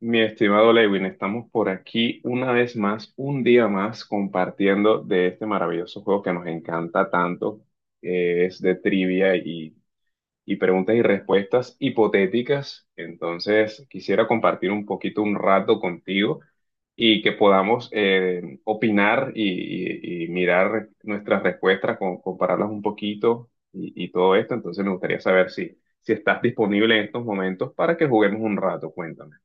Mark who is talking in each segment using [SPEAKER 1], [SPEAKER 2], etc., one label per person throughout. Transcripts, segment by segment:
[SPEAKER 1] Mi estimado Lewin, estamos por aquí una vez más, un día más, compartiendo de este maravilloso juego que nos encanta tanto, que es de trivia y preguntas y respuestas hipotéticas. Entonces, quisiera compartir un poquito, un rato contigo y que podamos opinar y mirar nuestras respuestas, compararlas un poquito y todo esto. Entonces, me gustaría saber si estás disponible en estos momentos para que juguemos un rato. Cuéntame.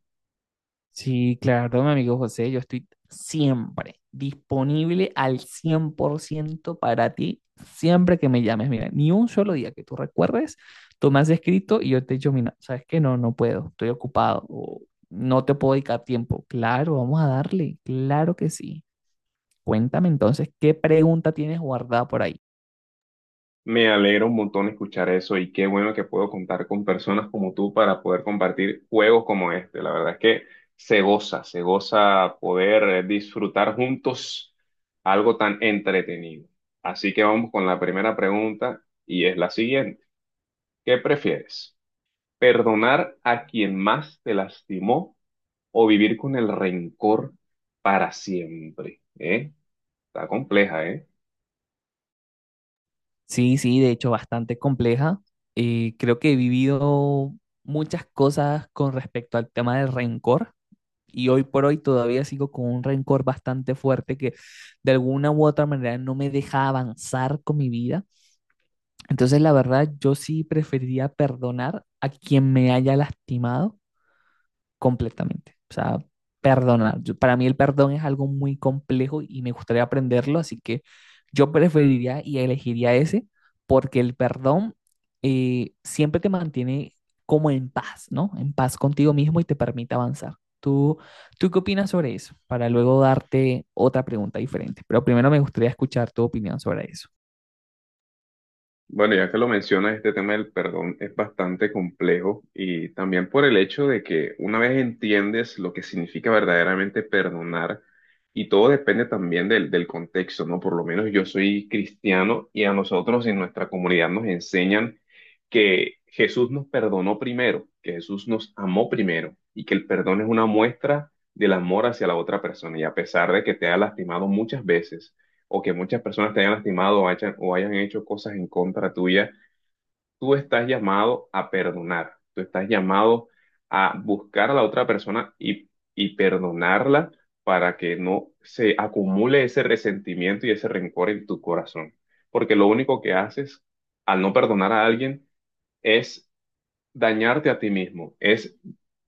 [SPEAKER 2] Sí, claro, mi amigo José, yo estoy siempre disponible al 100% para ti, siempre que me llames. Mira, ni un solo día que tú recuerdes, tú me has escrito y yo te he dicho, mira, ¿sabes qué? No puedo, estoy ocupado o no te puedo dedicar tiempo. Claro, vamos a darle, claro que sí. Cuéntame entonces, ¿qué pregunta tienes guardada por ahí?
[SPEAKER 1] Me alegra un montón escuchar eso y qué bueno que puedo contar con personas como tú para poder compartir juegos como este. La verdad es que se goza poder disfrutar juntos algo tan entretenido. Así que vamos con la primera pregunta y es la siguiente. ¿Qué prefieres? ¿Perdonar a quien más te lastimó o vivir con el rencor para siempre? ¿Eh? Está compleja, ¿eh?
[SPEAKER 2] Sí, de hecho, bastante compleja. Creo que he vivido muchas cosas con respecto al tema del rencor. Y hoy por hoy todavía sigo con un rencor bastante fuerte que de alguna u otra manera no me deja avanzar con mi vida. Entonces, la verdad, yo sí preferiría perdonar a quien me haya lastimado completamente. O sea, perdonar. Para mí el perdón es algo muy complejo y me gustaría aprenderlo, así que yo preferiría y elegiría ese, porque el perdón siempre te mantiene como en paz, ¿no? En paz contigo mismo, y te permite avanzar. ¿Tú, tú qué opinas sobre eso? Para luego darte otra pregunta diferente, pero primero me gustaría escuchar tu opinión sobre eso.
[SPEAKER 1] Bueno, ya que lo mencionas, este tema del perdón es bastante complejo y también por el hecho de que una vez entiendes lo que significa verdaderamente perdonar, y todo depende también del contexto, ¿no? Por lo menos yo soy cristiano y a nosotros en nuestra comunidad nos enseñan que Jesús nos perdonó primero, que Jesús nos amó primero y que el perdón es una muestra del amor hacia la otra persona y a pesar de que te ha lastimado muchas veces o que muchas personas te hayan lastimado o hayan hecho cosas en contra tuya, tú estás llamado a perdonar, tú estás llamado a buscar a la otra persona y perdonarla para que no se acumule ese resentimiento y ese rencor en tu corazón. Porque lo único que haces al no perdonar a alguien es dañarte a ti mismo, es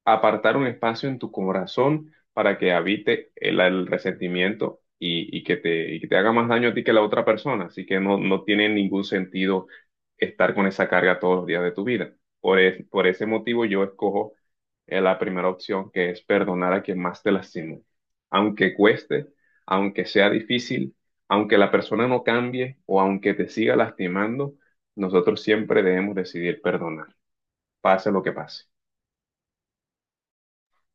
[SPEAKER 1] apartar un espacio en tu corazón para que habite el resentimiento y que te haga más daño a ti que a la otra persona. Así que no, no tiene ningún sentido estar con esa carga todos los días de tu vida. Por ese motivo yo escojo la primera opción, que es perdonar a quien más te lastimó. Aunque cueste, aunque sea difícil, aunque la persona no cambie o aunque te siga lastimando, nosotros siempre debemos decidir perdonar, pase lo que pase.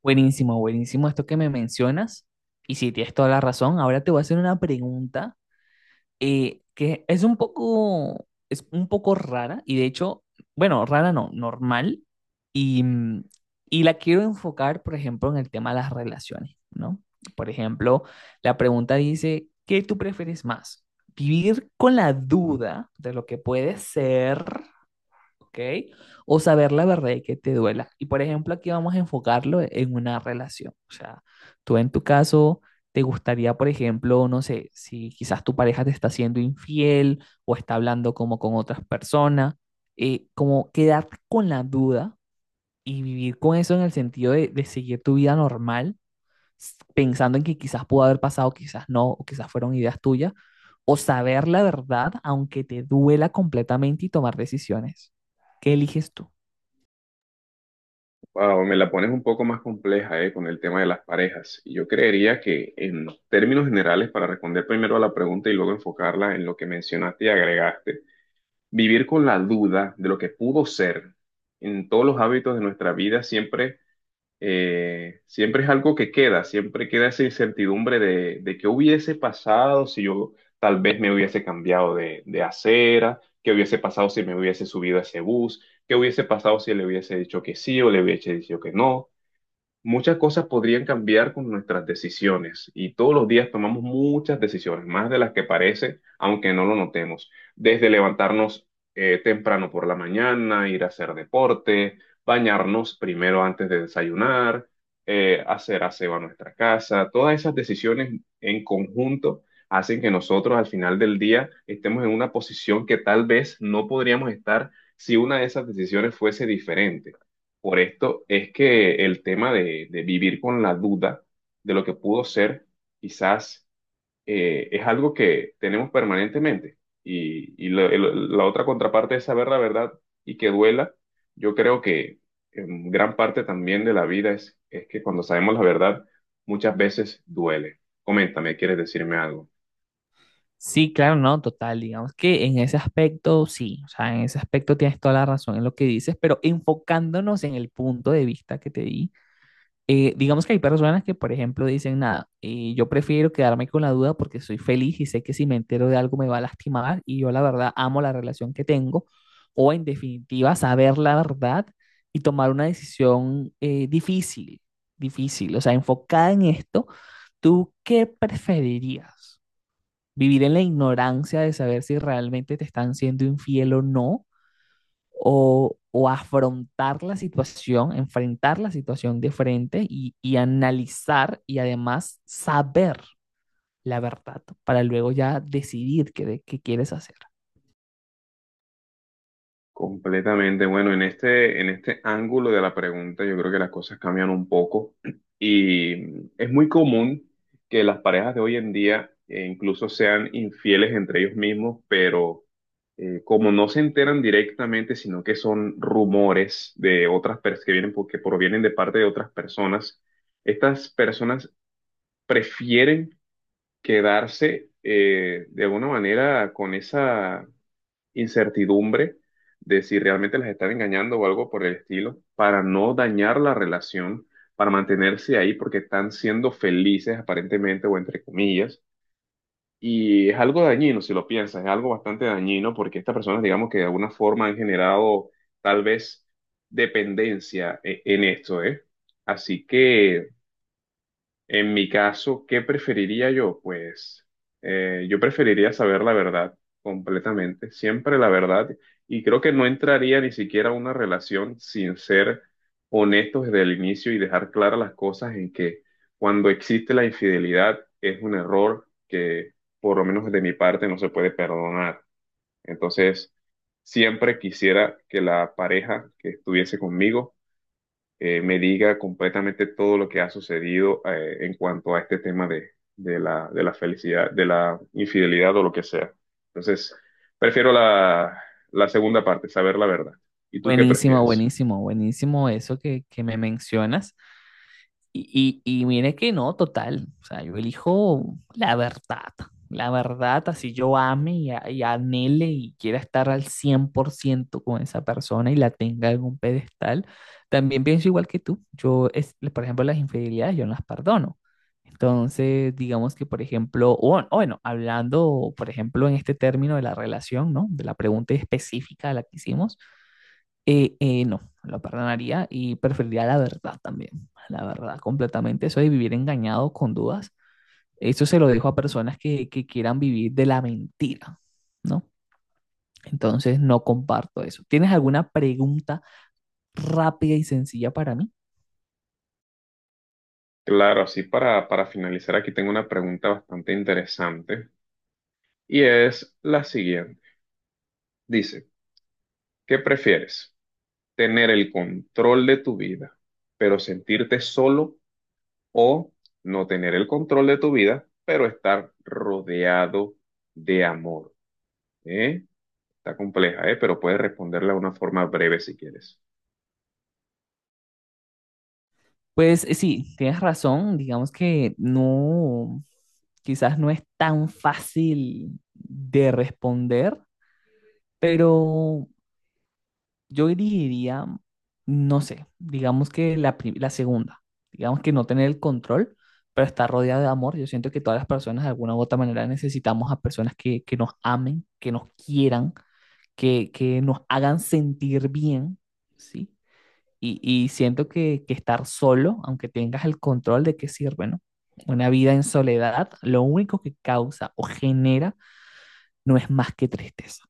[SPEAKER 2] Buenísimo, buenísimo esto que me mencionas. Y si tienes toda la razón. Ahora te voy a hacer una pregunta que es un poco rara, y de hecho, bueno, rara no, normal. Y y la quiero enfocar, por ejemplo, en el tema de las relaciones, ¿no? Por ejemplo, la pregunta dice, ¿qué tú prefieres más? ¿Vivir con la duda de lo que puede ser, ok? ¿O saber la verdad y que te duela? Y por ejemplo, aquí vamos a enfocarlo en una relación. O sea, tú en tu caso, te gustaría, por ejemplo, no sé, si quizás tu pareja te está siendo infiel o está hablando como con otras personas, ¿como quedarte con la duda y vivir con eso en el sentido de seguir tu vida normal, pensando en que quizás pudo haber pasado, quizás no, o quizás fueron ideas tuyas, o saber la verdad aunque te duela completamente y tomar decisiones? ¿Qué eliges tú?
[SPEAKER 1] Wow, me la pones un poco más compleja, con el tema de las parejas. Yo creería que en términos generales, para responder primero a la pregunta y luego enfocarla en lo que mencionaste y agregaste, vivir con la duda de lo que pudo ser en todos los hábitos de nuestra vida siempre siempre es algo que queda, siempre queda esa incertidumbre de qué hubiese pasado si yo tal vez me hubiese cambiado de acera, qué hubiese pasado si me hubiese subido a ese bus, qué hubiese pasado si le hubiese dicho que sí o le hubiese dicho que no. Muchas cosas podrían cambiar con nuestras decisiones y todos los días tomamos muchas decisiones, más de las que parece, aunque no lo notemos. Desde levantarnos temprano por la mañana, ir a hacer deporte, bañarnos primero antes de desayunar, hacer aseo a nuestra casa, todas esas decisiones en conjunto hacen que nosotros al final del día estemos en una posición que tal vez no podríamos estar si una de esas decisiones fuese diferente. Por esto es que el tema de vivir con la duda de lo que pudo ser, quizás es algo que tenemos permanentemente. La otra contraparte es saber la verdad y que duela. Yo creo que en gran parte también de la vida es que cuando sabemos la verdad, muchas veces duele. Coméntame, ¿quieres decirme algo?
[SPEAKER 2] Sí, claro, no, total, digamos que en ese aspecto sí. O sea, en ese aspecto tienes toda la razón en lo que dices, pero enfocándonos en el punto de vista que te di, digamos que hay personas que, por ejemplo, dicen, nada, y yo prefiero quedarme con la duda porque soy feliz y sé que si me entero de algo me va a lastimar y yo la verdad amo la relación que tengo, o en definitiva, saber la verdad y tomar una decisión difícil, difícil. O sea, enfocada en esto, ¿tú qué preferirías? ¿Vivir en la ignorancia de saber si realmente te están siendo infiel o no? ¿O, o afrontar la situación, enfrentar la situación de frente, y analizar y además saber la verdad para luego ya decidir qué quieres hacer?
[SPEAKER 1] Completamente. Bueno, en este ángulo de la pregunta, yo creo que las cosas cambian un poco y es muy común que las parejas de hoy en día incluso sean infieles entre ellos mismos, pero como no se enteran directamente, sino que son rumores de otras personas que vienen porque provienen de parte de otras personas, estas personas prefieren quedarse de alguna manera con esa incertidumbre de si realmente las están engañando o algo por el estilo, para no dañar la relación, para mantenerse ahí porque están siendo felices aparentemente o entre comillas. Y es algo dañino, si lo piensas, es algo bastante dañino porque estas personas, digamos que de alguna forma han generado tal vez dependencia en esto, ¿eh? Así que... En mi caso, ¿qué preferiría yo? Pues yo preferiría saber la verdad completamente, siempre la verdad, y creo que no entraría ni siquiera a una relación sin ser honestos desde el inicio y dejar claras las cosas en que cuando existe la infidelidad es un error que por lo menos de mi parte no se puede perdonar. Entonces, siempre quisiera que la pareja que estuviese conmigo me diga completamente todo lo que ha sucedido en cuanto a este tema de la felicidad, de la infidelidad o lo que sea. Entonces, prefiero la segunda parte, saber la verdad. ¿Y tú qué
[SPEAKER 2] Buenísimo,
[SPEAKER 1] prefieres?
[SPEAKER 2] buenísimo, buenísimo eso que me mencionas. Y mire que no, total. O sea, yo elijo la verdad. La verdad, así yo ame y y anhele y quiera estar al 100% con esa persona y la tenga en un pedestal, también pienso igual que tú. Yo, es, por ejemplo, las infidelidades yo no las perdono. Entonces, digamos que, por ejemplo, o bueno, hablando, por ejemplo, en este término de la relación, ¿no? De la pregunta específica a la que hicimos, no, lo perdonaría y preferiría la verdad también, la verdad completamente. Eso de vivir engañado con dudas, eso se lo dejo a personas que quieran vivir de la mentira, ¿no? Entonces no comparto eso. ¿Tienes alguna pregunta rápida y sencilla para mí?
[SPEAKER 1] Claro, así para finalizar, aquí tengo una pregunta bastante interesante y es la siguiente. Dice, ¿qué prefieres? ¿Tener el control de tu vida, pero sentirte solo, o no tener el control de tu vida, pero estar rodeado de amor? ¿Eh? Está compleja, ¿eh? Pero puedes responderla de una forma breve si quieres.
[SPEAKER 2] Pues sí, tienes razón, digamos que no, quizás no es tan fácil de responder, pero yo elegiría, no sé, digamos que la segunda, digamos que no tener el control, pero estar rodeado de amor. Yo siento que todas las personas de alguna u otra manera necesitamos a personas que nos amen, que nos quieran, que nos hagan sentir bien, ¿sí? Y siento que estar solo, aunque tengas el control, ¿de qué sirve, no? Una vida en soledad, lo único que causa o genera no es más que tristeza.